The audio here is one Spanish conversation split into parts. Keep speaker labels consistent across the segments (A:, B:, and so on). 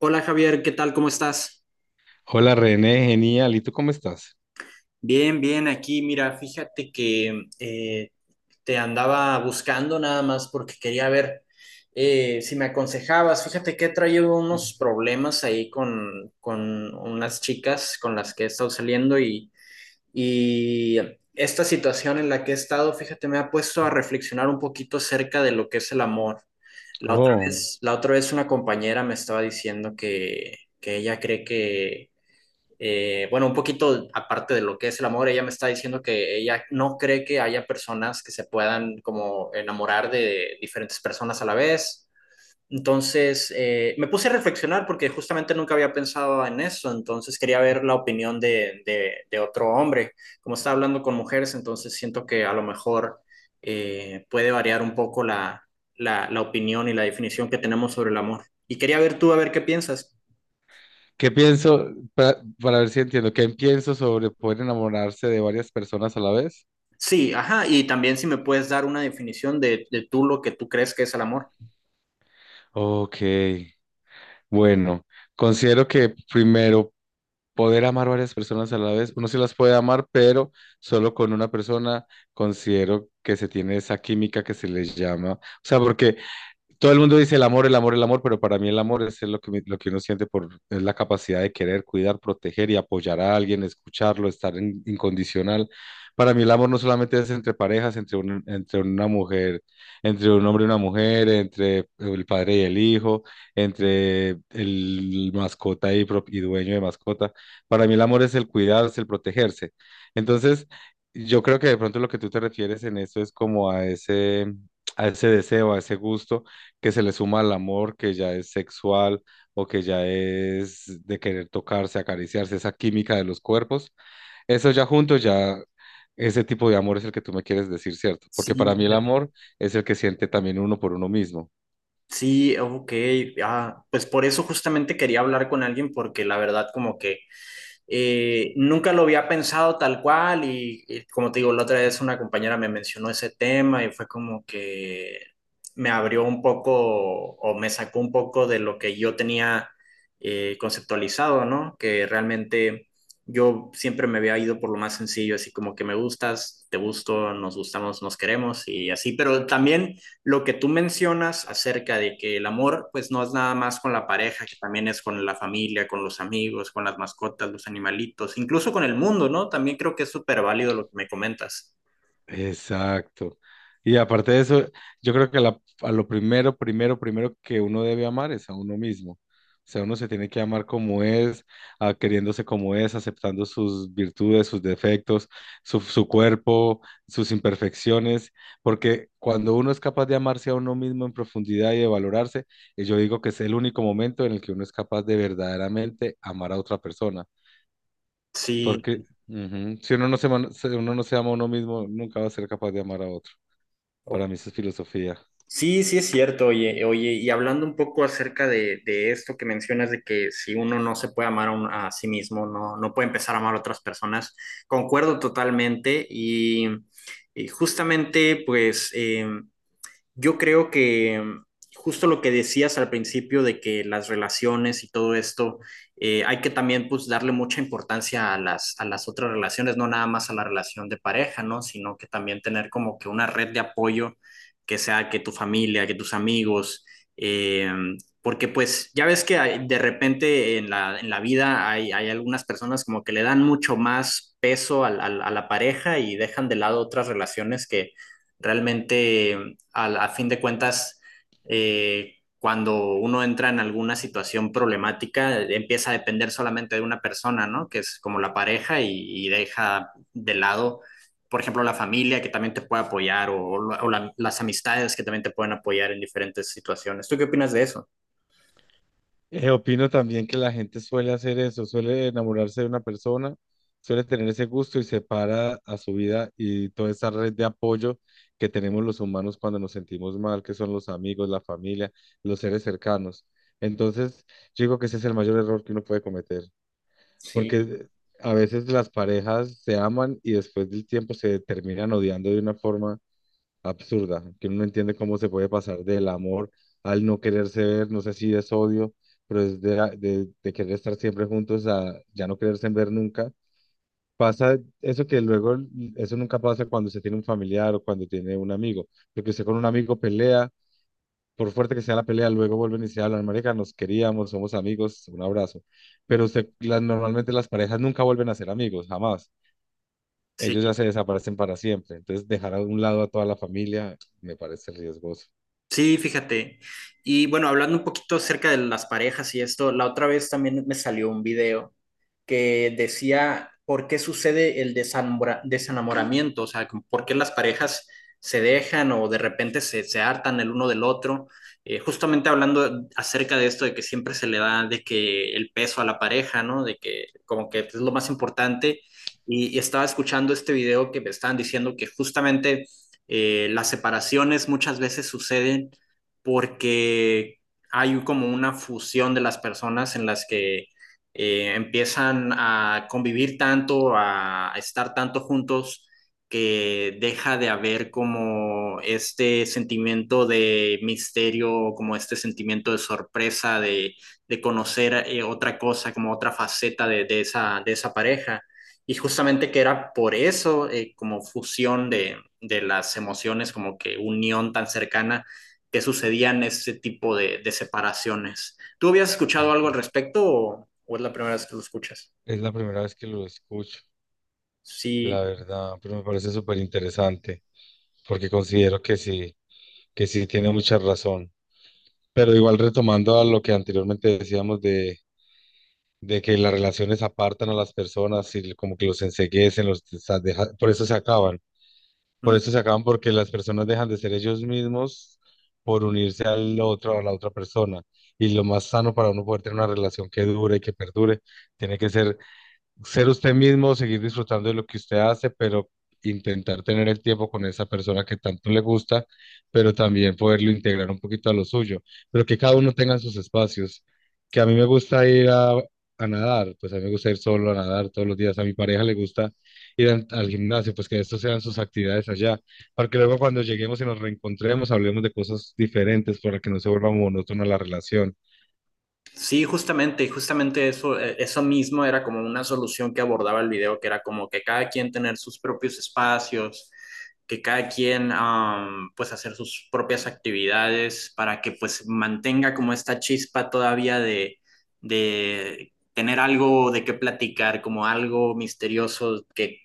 A: Hola Javier, ¿qué tal? ¿Cómo estás?
B: Hola René, genial. ¿Y tú cómo estás?
A: Bien, bien, aquí, mira, fíjate que te andaba buscando nada más porque quería ver si me aconsejabas. Fíjate que he traído unos problemas ahí con unas chicas con las que he estado saliendo y esta situación en la que he estado, fíjate, me ha puesto a reflexionar un poquito acerca de lo que es el amor. La otra
B: Oh,
A: vez, la otra vez una compañera me estaba diciendo que ella cree que. Bueno, un poquito aparte de lo que es el amor, ella me está diciendo que ella no cree que haya personas que se puedan como enamorar de diferentes personas a la vez. Entonces, me puse a reflexionar porque justamente nunca había pensado en eso, entonces quería ver la opinión de otro hombre. Como está hablando con mujeres, entonces siento que a lo mejor puede variar un poco la opinión y la definición que tenemos sobre el amor. Y quería ver tú a ver qué piensas.
B: ¿qué pienso? Para ver si entiendo, ¿qué pienso sobre poder enamorarse de varias personas a la vez?
A: Sí, ajá, y también si me puedes dar una definición de tú lo que tú crees que es el amor.
B: Ok, bueno, considero que primero, poder amar varias personas a la vez, uno sí las puede amar, pero solo con una persona considero que se tiene esa química que se les llama. O sea, porque todo el mundo dice el amor, el amor, el amor, pero para mí el amor es lo que, lo que uno siente por, es la capacidad de querer, cuidar, proteger y apoyar a alguien, escucharlo, estar incondicional. Para mí el amor no solamente es entre parejas, entre, entre una mujer, entre un hombre y una mujer, entre el padre y el hijo, entre el mascota y, y dueño de mascota. Para mí el amor es el cuidarse, el protegerse. Entonces, yo creo que de pronto lo que tú te refieres en eso es como a ese deseo, a ese gusto que se le suma al amor, que ya es sexual o que ya es de querer tocarse, acariciarse, esa química de los cuerpos, eso ya junto, ya ese tipo de amor es el que tú me quieres decir, ¿cierto?
A: Sí,
B: Porque para mí el
A: fíjate.
B: amor es el que siente también uno por uno mismo.
A: Sí, ok, ah, pues por eso justamente quería hablar con alguien porque la verdad como que nunca lo había pensado tal cual y como te digo, la otra vez una compañera me mencionó ese tema y fue como que me abrió un poco o me sacó un poco de lo que yo tenía conceptualizado, ¿no? Que realmente yo siempre me había ido por lo más sencillo, así como que me gustas, te gusto, nos gustamos, nos queremos y así, pero también lo que tú mencionas acerca de que el amor pues no es nada más con la pareja, que también es con la familia, con los amigos, con las mascotas, los animalitos, incluso con el mundo, ¿no? También creo que es súper válido lo que me comentas.
B: Exacto. Y aparte de eso, yo creo que a lo primero, primero, primero que uno debe amar es a uno mismo. O sea, uno se tiene que amar como es, queriéndose como es, aceptando sus virtudes, sus defectos, su cuerpo, sus imperfecciones, porque cuando uno es capaz de amarse a uno mismo en profundidad y de valorarse, yo digo que es el único momento en el que uno es capaz de verdaderamente amar a otra persona
A: Sí.
B: porque ujú, si uno no se, uno no se ama a uno mismo, nunca va a ser capaz de amar a otro.
A: o-
B: Para mí eso es filosofía.
A: Sí, sí es cierto, oye, oye, y hablando un poco acerca de esto que mencionas de que si uno no se puede amar a sí mismo, no puede empezar a amar a otras personas, concuerdo totalmente y justamente pues... Yo creo que justo lo que decías al principio de que las relaciones y todo esto, hay que también pues darle mucha importancia a las otras relaciones, no nada más a la relación de pareja, ¿no? Sino que también tener como que una red de apoyo que sea que tu familia, que tus amigos, porque pues ya ves que de repente en la vida hay algunas personas como que le dan mucho más peso a la pareja y dejan de lado otras relaciones que realmente al a fin de cuentas, cuando uno entra en alguna situación problemática, empieza a depender solamente de una persona, ¿no? Que es como la pareja y deja de lado, por ejemplo, la familia que también te puede apoyar o las amistades que también te pueden apoyar en diferentes situaciones. ¿Tú qué opinas de eso?
B: Opino también que la gente suele hacer eso, suele enamorarse de una persona, suele tener ese gusto y separa a su vida y toda esa red de apoyo que tenemos los humanos cuando nos sentimos mal, que son los amigos, la familia, los seres cercanos. Entonces, yo digo que ese es el mayor error que uno puede cometer,
A: Sí.
B: porque a veces las parejas se aman y después del tiempo se terminan odiando de una forma absurda, que uno no entiende cómo se puede pasar del amor al no quererse ver, no sé si es odio, pero es de querer estar siempre juntos a ya no quererse ver nunca. Pasa eso que luego, eso nunca pasa cuando se tiene un familiar o cuando tiene un amigo, porque usted con un amigo pelea, por fuerte que sea la pelea, luego vuelven y se hablan, marica, nos queríamos, somos amigos, un abrazo. Pero usted, normalmente las parejas nunca vuelven a ser amigos, jamás. Ellos
A: Sí,
B: ya se desaparecen para siempre. Entonces, dejar a un lado a toda la familia me parece riesgoso.
A: sí, fíjate. Y bueno, hablando un poquito acerca de las parejas y esto, la otra vez también me salió un video que decía por qué sucede el desenamoramiento, o sea, por qué las parejas se dejan o de repente se hartan el uno del otro. Justamente hablando acerca de esto de que siempre se le da de que el peso a la pareja, ¿no? De que como que es lo más importante. Y estaba escuchando este video que me estaban diciendo que justamente las separaciones muchas veces suceden porque hay como una fusión de las personas en las que empiezan a convivir tanto, a estar tanto juntos, que deja de haber como este sentimiento de misterio, como este sentimiento de sorpresa, de conocer otra cosa, como otra faceta de esa pareja. Y justamente que era por eso, como fusión de las emociones, como que unión tan cercana, que sucedían este tipo de separaciones. ¿Tú habías escuchado
B: Ok.
A: algo al respecto o es la primera vez que lo escuchas?
B: Es la primera vez que lo escucho, la
A: Sí,
B: verdad, pero me parece súper interesante porque considero que sí tiene mucha razón. Pero igual retomando a lo que anteriormente decíamos de que las relaciones apartan a las personas y como que los enceguecen, por eso se acaban. Por
A: mm,
B: eso se acaban porque las personas dejan de ser ellos mismos por unirse al otro, a la otra persona. Y lo más sano para uno poder tener una relación que dure y que perdure, tiene que ser ser usted mismo, seguir disfrutando de lo que usted hace, pero intentar tener el tiempo con esa persona que tanto le gusta, pero también poderlo integrar un poquito a lo suyo, pero que cada uno tenga sus espacios. Que a mí me gusta ir a nadar, pues a mí me gusta ir solo a nadar todos los días, a mi pareja le gusta ir al gimnasio, pues que estos sean sus actividades allá, para que luego cuando lleguemos y nos reencontremos hablemos de cosas diferentes para que no se vuelva monótona la relación.
A: sí, justamente, justamente eso, eso mismo era como una solución que abordaba el video, que era como que cada quien tener sus propios espacios, que cada quien pues hacer sus propias actividades para que pues mantenga como esta chispa todavía de tener algo de qué platicar, como algo misterioso que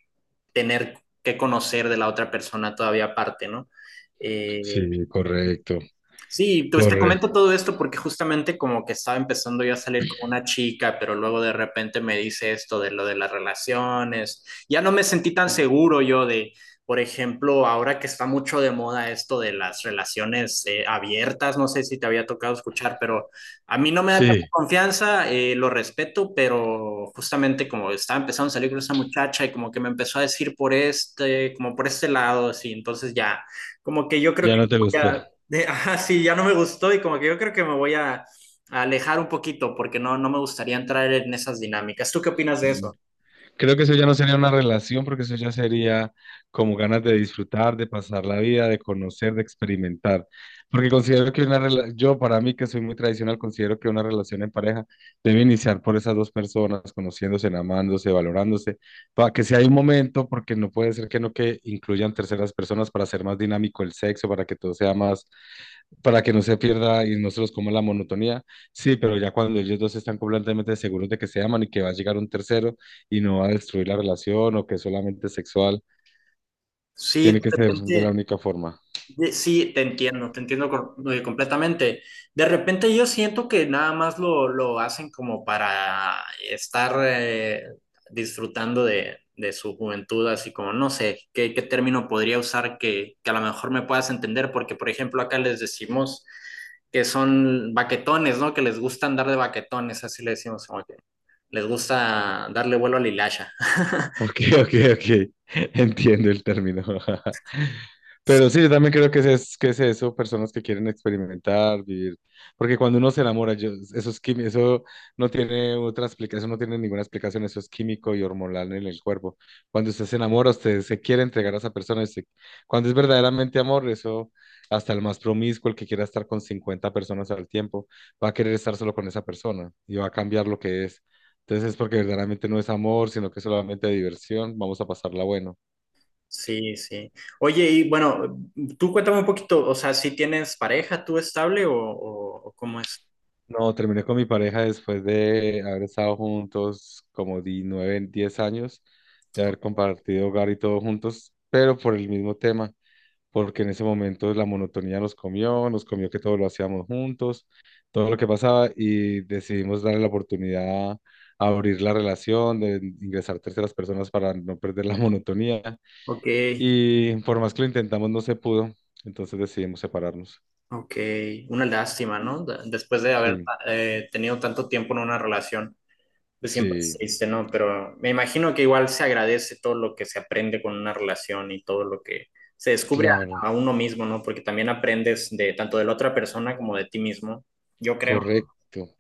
A: tener que conocer de la otra persona todavía aparte, ¿no? Eh,
B: Sí, correcto,
A: Sí, pues te
B: correcto.
A: comento todo esto porque justamente como que estaba empezando yo a salir con una chica, pero luego de repente me dice esto de lo de las relaciones. Ya no me sentí tan seguro yo de, por ejemplo, ahora que está mucho de moda esto de las relaciones abiertas, no sé si te había tocado escuchar, pero a mí no me da tanta
B: Sí,
A: confianza, lo respeto, pero justamente como estaba empezando a salir con esa muchacha y como que me empezó a decir por este, como por este lado, así, entonces ya, como que yo creo
B: ya
A: que
B: no te
A: voy
B: gustó.
A: a ajá, sí, ya no me gustó y como que yo creo que me voy a alejar un poquito porque no me gustaría entrar en esas dinámicas. ¿Tú qué opinas de
B: Mm.
A: eso?
B: Creo que eso ya no sería una relación, porque eso ya sería como ganas de disfrutar, de pasar la vida, de conocer, de experimentar. Porque considero que una relación, yo para mí que soy muy tradicional, considero que una relación en pareja debe iniciar por esas dos personas, conociéndose, amándose, valorándose, para que si hay un momento, porque no puede ser que no que incluyan terceras personas para hacer más dinámico el sexo, para que todo sea más para que no se pierda y no se los coma la monotonía. Sí, pero ya cuando ellos dos están completamente seguros de que se aman y que va a llegar un tercero y no va a destruir la relación o que es solamente sexual,
A: Sí, de
B: tiene que ser de la
A: repente.
B: única forma.
A: Sí, te entiendo, te entiendo, completamente. De repente yo siento que nada más lo hacen como para estar disfrutando de su juventud, así como no sé qué, término podría usar que a lo mejor me puedas entender, porque por ejemplo acá les decimos que son baquetones, ¿no? Que les gusta andar de baquetones, así le decimos, como que les gusta darle vuelo a la hilacha.
B: Ok, ok, ok. Entiendo el término. Pero sí, yo también creo que es, que es eso, personas que quieren experimentar, vivir. Porque cuando uno se enamora, eso es eso no tiene otra explicación, eso no tiene ninguna explicación, eso es químico y hormonal en el cuerpo. Cuando usted se enamora, usted se quiere entregar a esa persona. Y cuando es verdaderamente amor, eso hasta el más promiscuo, el que quiera estar con 50 personas al tiempo, va a querer estar solo con esa persona y va a cambiar lo que es. Entonces es porque verdaderamente no es amor, sino que es solamente diversión. Vamos a pasarla bueno.
A: Sí, sí. Oye, y bueno, tú cuéntame un poquito, o sea, si tienes pareja tú estable o cómo es.
B: No, terminé con mi pareja después de haber estado juntos como 9, 10 años, de haber compartido hogar y todo juntos, pero por el mismo tema, porque en ese momento la monotonía nos comió que todo lo hacíamos juntos, todo lo que pasaba y decidimos darle la oportunidad a abrir la relación, de ingresar terceras personas para no perder la monotonía.
A: Ok,
B: Y por más que lo intentamos, no se pudo. Entonces decidimos separarnos.
A: ok, una lástima, ¿no? Después de haber
B: Sí,
A: tenido tanto tiempo en una relación, pues siempre es
B: sí,
A: triste, ¿no? Pero me imagino que igual se agradece todo lo que se aprende con una relación y todo lo que se descubre
B: claro,
A: a uno mismo, ¿no? Porque también aprendes de tanto de la otra persona como de ti mismo, yo creo. ¿No?
B: correcto.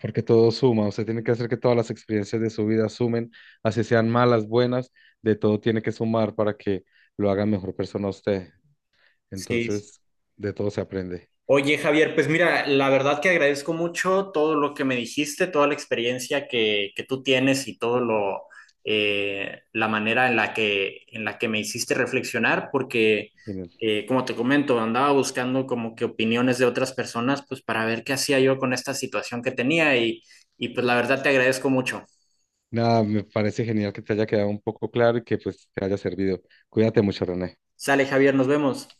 B: Porque todo suma. Usted tiene que hacer que todas las experiencias de su vida sumen, así sean malas, buenas, de todo tiene que sumar para que lo haga mejor persona a usted.
A: Sí. Sí.
B: Entonces, de todo se aprende.
A: Oye, Javier, pues mira, la verdad que agradezco mucho todo lo que me dijiste, toda la experiencia que tú tienes y todo lo, la manera en la que me hiciste reflexionar, porque
B: Genial.
A: como te comento, andaba buscando como que opiniones de otras personas, pues para ver qué hacía yo con esta situación que tenía y pues la verdad te agradezco mucho.
B: Nada, me parece genial que te haya quedado un poco claro y que pues te haya servido. Cuídate mucho, René.
A: Sale, Javier, nos vemos.